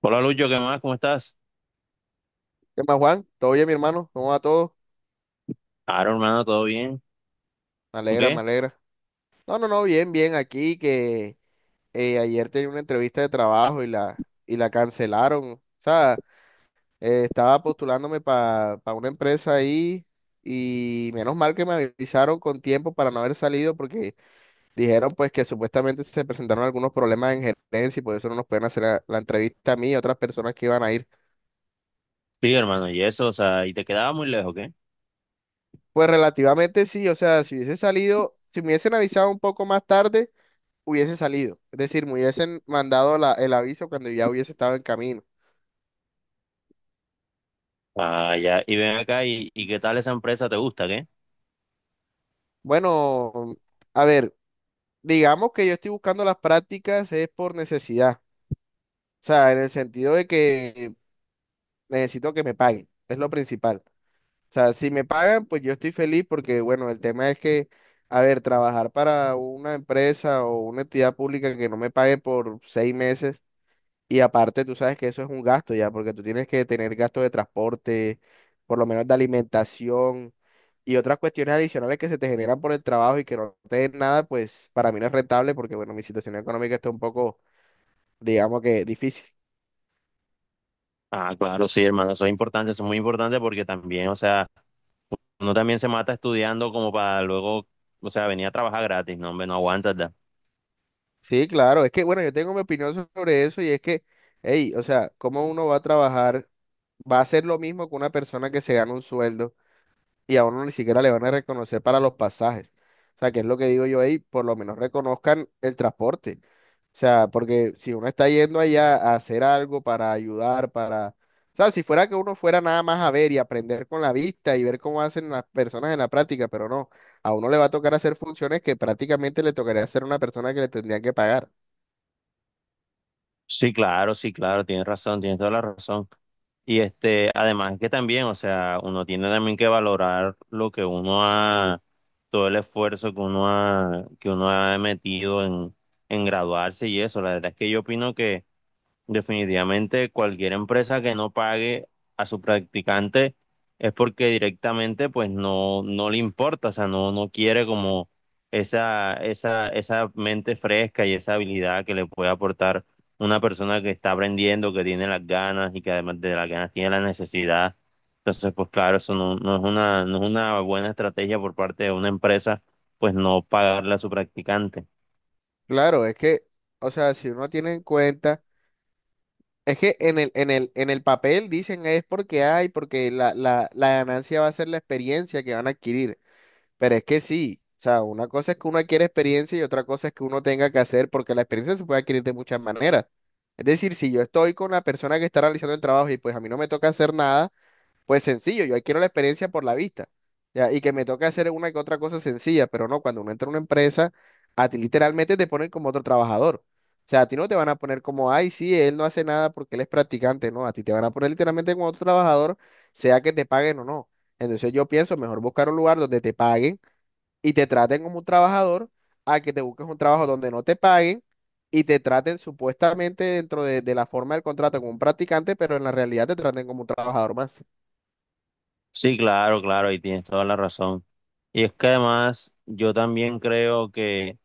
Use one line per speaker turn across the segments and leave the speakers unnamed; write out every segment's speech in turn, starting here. Hola Lucho, ¿qué más? ¿Cómo estás?
¿Qué más, Juan? ¿Todo bien, mi hermano? ¿Cómo va todo?
Claro, hermano, ¿todo bien?
Me
¿Tú
alegra, me
qué?
alegra. No, no, no, bien, bien. Aquí que ayer tenía una entrevista de trabajo y la cancelaron. O sea, estaba postulándome para una empresa ahí y menos mal que me avisaron con tiempo para no haber salido porque dijeron pues que supuestamente se presentaron algunos problemas en gerencia y por eso no nos pueden hacer la entrevista a mí y a otras personas que iban a ir.
Sí, hermano, y eso, o sea, y te quedaba muy lejos, ¿qué?
Pues relativamente sí, o sea, si hubiese salido, si me hubiesen avisado un poco más tarde, hubiese salido. Es decir, me hubiesen mandado el aviso cuando ya hubiese estado en camino.
Ah, ya, y ven acá, y qué tal esa empresa? ¿Te gusta, qué?
Bueno, a ver, digamos que yo estoy buscando las prácticas es por necesidad. O sea, en el sentido de que necesito que me paguen. Es lo principal. O sea, si me pagan, pues yo estoy feliz porque, bueno, el tema es que, a ver, trabajar para una empresa o una entidad pública que no me pague por 6 meses. Y aparte, tú sabes que eso es un gasto ya, porque tú tienes que tener gastos de transporte, por lo menos de alimentación, y otras cuestiones adicionales que se te generan por el trabajo y que no te den nada, pues para mí no es rentable porque, bueno, mi situación económica está un poco, digamos que difícil.
Ah, claro, sí, hermano, eso es importante, eso es muy importante porque también, o sea, uno también se mata estudiando como para luego, o sea, venir a trabajar gratis, no, hombre, no aguantas, ¿da?
Sí, claro, es que, bueno, yo tengo mi opinión sobre eso y es que, hey, o sea, ¿cómo uno va a trabajar, va a hacer lo mismo que una persona que se gana un sueldo? Y a uno ni siquiera le van a reconocer para los pasajes. O sea, que es lo que digo yo ahí, por lo menos reconozcan el transporte. O sea, porque si uno está yendo allá a hacer algo para ayudar, para... O sea, si fuera que uno fuera nada más a ver y aprender con la vista y ver cómo hacen las personas en la práctica, pero no, a uno le va a tocar hacer funciones que prácticamente le tocaría hacer a una persona que le tendría que pagar.
Sí, claro, sí, claro, tienes razón, tienes toda la razón. Y este, además que también, o sea, uno tiene también que valorar lo que uno ha, todo el esfuerzo que uno ha metido en graduarse y eso. La verdad es que yo opino que definitivamente cualquier empresa que no pague a su practicante es porque directamente pues no le importa, o sea, no quiere como esa mente fresca y esa habilidad que le puede aportar una persona que está aprendiendo, que tiene las ganas y que además de las ganas tiene la necesidad. Entonces, pues claro, eso no es una, no es una buena estrategia por parte de una empresa, pues no pagarle a su practicante.
Claro, es que, o sea, si uno tiene en cuenta. Es que en el papel dicen es porque hay, porque la ganancia va a ser la experiencia que van a adquirir. Pero es que sí, o sea, una cosa es que uno adquiere experiencia y otra cosa es que uno tenga que hacer, porque la experiencia se puede adquirir de muchas maneras. Es decir, si yo estoy con la persona que está realizando el trabajo y pues a mí no me toca hacer nada. Pues sencillo, yo adquiero la experiencia por la vista, ya, y que me toca hacer una que otra cosa sencilla, pero no, cuando uno entra a una empresa, a ti literalmente te ponen como otro trabajador. O sea, a ti no te van a poner como, ay, sí, él no hace nada porque él es practicante, no, a ti te van a poner literalmente como otro trabajador, sea que te paguen o no. Entonces yo pienso, mejor buscar un lugar donde te paguen y te traten como un trabajador, a que te busques un trabajo donde no te paguen y te traten supuestamente dentro de la forma del contrato como un practicante, pero en la realidad te traten como un trabajador más.
Sí, claro, claro, y tienes toda la razón. Y es que además yo también creo que,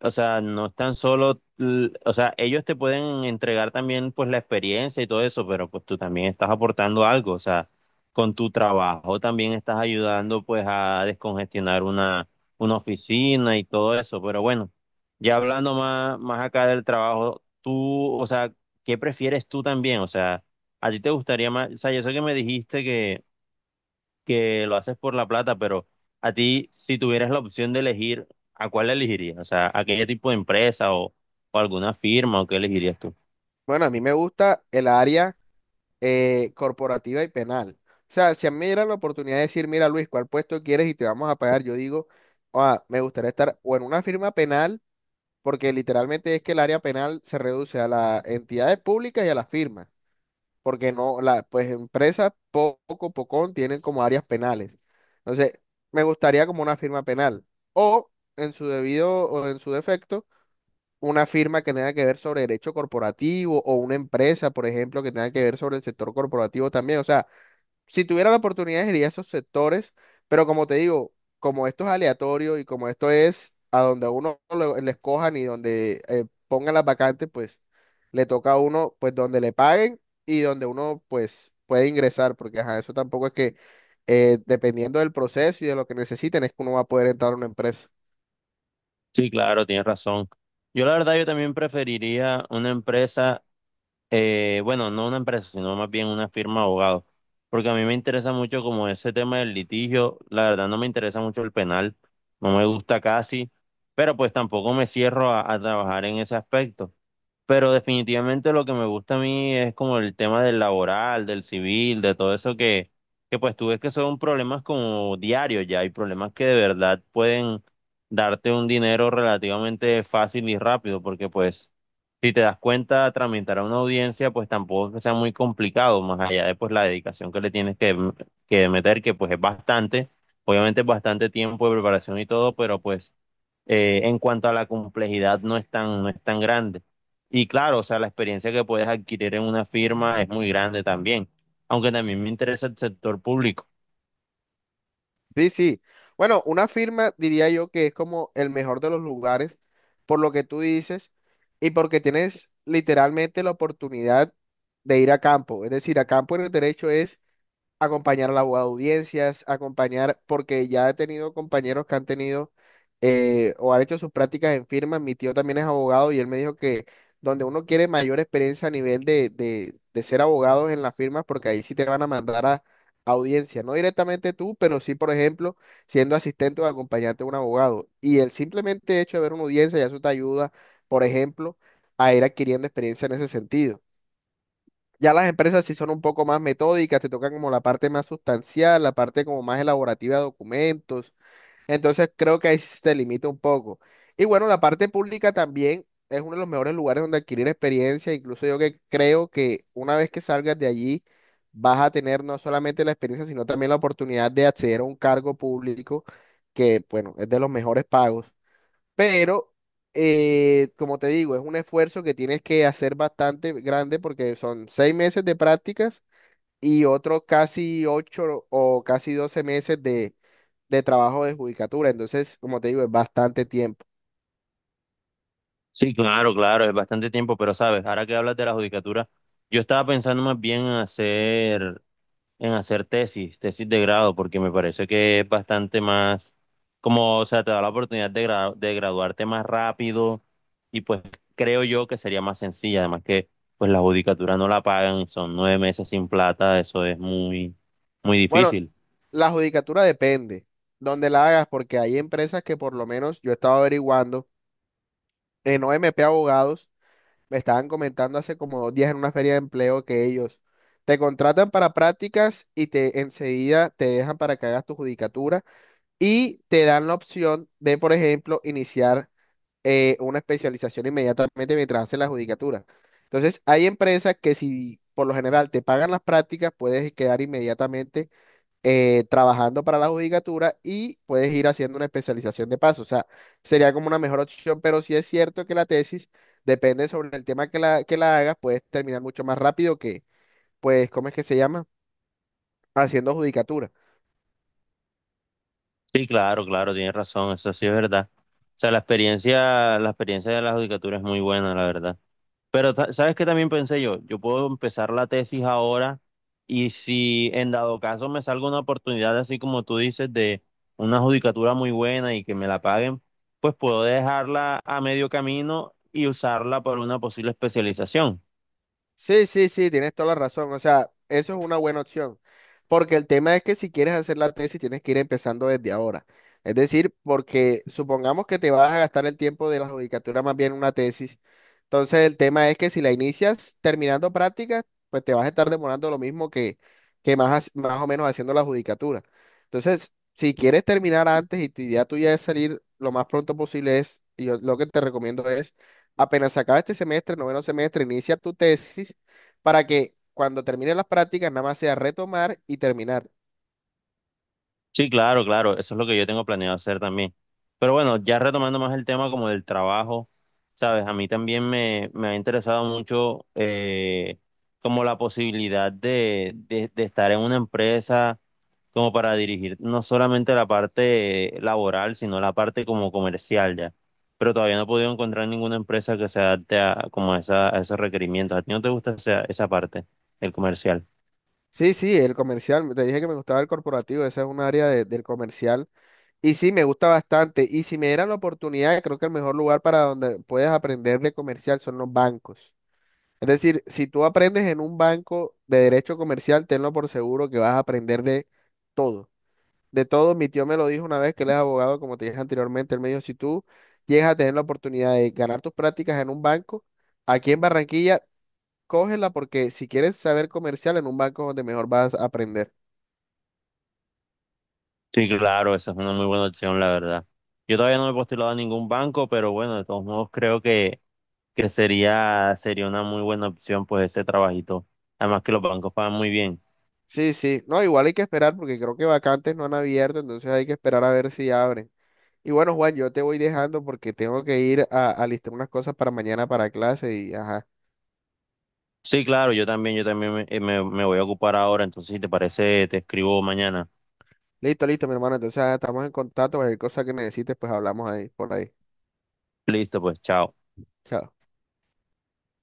o sea, no es tan solo, o sea, ellos te pueden entregar también pues la experiencia y todo eso, pero pues tú también estás aportando algo, o sea, con tu trabajo también estás ayudando pues a descongestionar una oficina y todo eso, pero bueno, ya hablando más, más acá del trabajo, tú, o sea, ¿qué prefieres tú también? O sea, ¿a ti te gustaría más, o sea, yo sé que me dijiste que lo haces por la plata, pero a ti, si tuvieras la opción de elegir, ¿a cuál elegirías? O sea, ¿a qué tipo de empresa o alguna firma o qué elegirías tú?
Bueno, a mí me gusta el área corporativa y penal. O sea, si a mí me dieran la oportunidad de decir, mira Luis, ¿cuál puesto quieres y te vamos a pagar? Yo digo, "Ah, me gustaría estar o en una firma penal, porque literalmente es que el área penal se reduce a las entidades públicas y a las firmas, porque no, la, pues empresas poco, pocón tienen como áreas penales. Entonces, me gustaría como una firma penal. O en su debido, o en su defecto una firma que tenga que ver sobre derecho corporativo o una empresa, por ejemplo, que tenga que ver sobre el sector corporativo también. O sea, si tuviera la oportunidad, iría a esos sectores, pero como te digo, como esto es aleatorio y como esto es a donde a uno le escojan y donde pongan las vacantes, pues le toca a uno, pues donde le paguen y donde uno, pues, puede ingresar, porque ajá, eso tampoco es que dependiendo del proceso y de lo que necesiten, es que uno va a poder entrar a una empresa.
Sí, claro, tienes razón. Yo la verdad, yo también preferiría una empresa. Bueno, no una empresa, sino más bien una firma de abogados, porque a mí me interesa mucho como ese tema del litigio, la verdad no me interesa mucho el penal, no me gusta casi, pero pues tampoco me cierro a trabajar en ese aspecto. Pero definitivamente lo que me gusta a mí es como el tema del laboral, del civil, de todo eso que pues tú ves que son problemas como diarios ya, hay problemas que de verdad pueden darte un dinero relativamente fácil y rápido, porque pues si te das cuenta, tramitar a una audiencia, pues tampoco es que sea muy complicado, más allá de pues la dedicación que le tienes que meter, que pues es bastante, obviamente es bastante tiempo de preparación y todo, pero pues en cuanto a la complejidad no es tan, no es tan grande. Y claro, o sea, la experiencia que puedes adquirir en una firma es muy grande también, aunque también me interesa el sector público.
Sí, sí. Bueno, una firma diría yo que es como el mejor de los lugares por lo que tú dices y porque tienes literalmente la oportunidad de ir a campo. Es decir, a campo en el derecho es acompañar al abogado de audiencias, acompañar, porque ya he tenido compañeros que han tenido o han hecho sus prácticas en firmas. Mi tío también es abogado y él me dijo que donde uno quiere mayor experiencia a nivel de ser abogado en las firmas, porque ahí sí te van a mandar a audiencia, no directamente tú, pero sí, por ejemplo, siendo asistente o acompañante de un abogado. Y el simplemente hecho de ver una audiencia, ya eso te ayuda, por ejemplo, a ir adquiriendo experiencia en ese sentido. Ya las empresas sí son un poco más metódicas, te tocan como la parte más sustancial, la parte como más elaborativa de documentos. Entonces creo que ahí sí se limita un poco. Y bueno, la parte pública también es uno de los mejores lugares donde adquirir experiencia. Incluso yo que creo que una vez que salgas de allí, vas a tener no solamente la experiencia, sino también la oportunidad de acceder a un cargo público que, bueno, es de los mejores pagos. Pero, como te digo, es un esfuerzo que tienes que hacer bastante grande porque son 6 meses de prácticas y otros casi 8 o casi 12 meses de trabajo de judicatura. Entonces, como te digo, es bastante tiempo.
Sí, claro, claro, es bastante tiempo, pero sabes, ahora que hablas de la judicatura, yo estaba pensando más bien en hacer tesis, tesis de grado, porque me parece que es bastante más, como, o sea, te da la oportunidad de, de graduarte más rápido y pues creo yo que sería más sencilla, además que pues la judicatura no la pagan, son 9 meses sin plata, eso es muy, muy
Bueno,
difícil.
la judicatura depende donde la hagas porque hay empresas que por lo menos yo he estado averiguando en OMP Abogados. Me estaban comentando hace como 2 días en una feria de empleo que ellos te contratan para prácticas y te enseguida te dejan para que hagas tu judicatura y te dan la opción de, por ejemplo, iniciar una especialización inmediatamente mientras haces la judicatura. Entonces, hay empresas que si por lo general te pagan las prácticas, puedes quedar inmediatamente trabajando para la judicatura y puedes ir haciendo una especialización de paso. O sea, sería como una mejor opción, pero sí es cierto que la tesis depende sobre el tema que que la hagas, puedes terminar mucho más rápido que, pues, ¿cómo es que se llama? Haciendo judicatura.
Sí, claro, claro, tienes razón, eso sí es verdad. O sea, la experiencia de la judicatura es muy buena, la verdad. Pero, ¿sabes qué también pensé yo? Yo puedo empezar la tesis ahora y si en dado caso me salga una oportunidad, así como tú dices, de una judicatura muy buena y que me la paguen, pues puedo dejarla a medio camino y usarla para una posible especialización.
Sí, sí, sí, tienes toda la razón. O sea, eso es una buena opción. Porque el tema es que si quieres hacer la tesis, tienes que ir empezando desde ahora. Es decir, porque supongamos que te vas a gastar el tiempo de la judicatura más bien en una tesis. Entonces, el tema es que si la inicias terminando prácticas, pues te vas a estar demorando lo mismo que más, más o menos haciendo la judicatura. Entonces, si quieres terminar antes y tu idea tuya es salir lo más pronto posible, es, y yo lo que te recomiendo es apenas se acabe este semestre, noveno semestre, inicia tu tesis para que cuando termine las prácticas nada más sea retomar y terminar.
Sí, claro, claro, eso es lo que yo tengo planeado hacer también. Pero bueno, ya retomando más el tema como del trabajo, sabes, a mí también me ha interesado mucho como la posibilidad de, de estar en una empresa como para dirigir no solamente la parte laboral, sino la parte como comercial ya. Pero todavía no he podido encontrar ninguna empresa que se adapte a, como a, esa, a esos requerimientos. ¿A ti no te gusta esa, esa parte, el comercial?
Sí, sí, el comercial, te dije que me gustaba el corporativo, esa es un área del comercial. Y sí, me gusta bastante. Y si me dieran la oportunidad, creo que el mejor lugar para donde puedes aprender de comercial son los bancos. Es decir, si tú aprendes en un banco de derecho comercial, tenlo por seguro que vas a aprender de todo. De todo, mi tío me lo dijo una vez que él es abogado, como te dije anteriormente, él me dijo, si tú llegas a tener la oportunidad de ganar tus prácticas en un banco, aquí en Barranquilla, cógela porque si quieres saber comercial en un banco es donde mejor vas a aprender.
Sí, claro, esa es una muy buena opción, la verdad. Yo todavía no me he postulado a ningún banco, pero bueno, de todos modos creo que sería, sería una muy buena opción pues ese trabajito. Además que los bancos pagan muy bien.
Sí, sí, no, igual hay que esperar porque creo que vacantes no han abierto, entonces hay que esperar a ver si abren. Y bueno, Juan, yo te voy dejando porque tengo que ir a listar unas cosas para mañana para clase y ajá.
Sí, claro, yo también me voy a ocupar ahora, entonces si te parece, te escribo mañana.
Listo, listo, mi hermano, entonces ah, estamos en contacto, cualquier cosa que necesites, pues hablamos ahí, por ahí.
Listo, pues, chao.
Chao.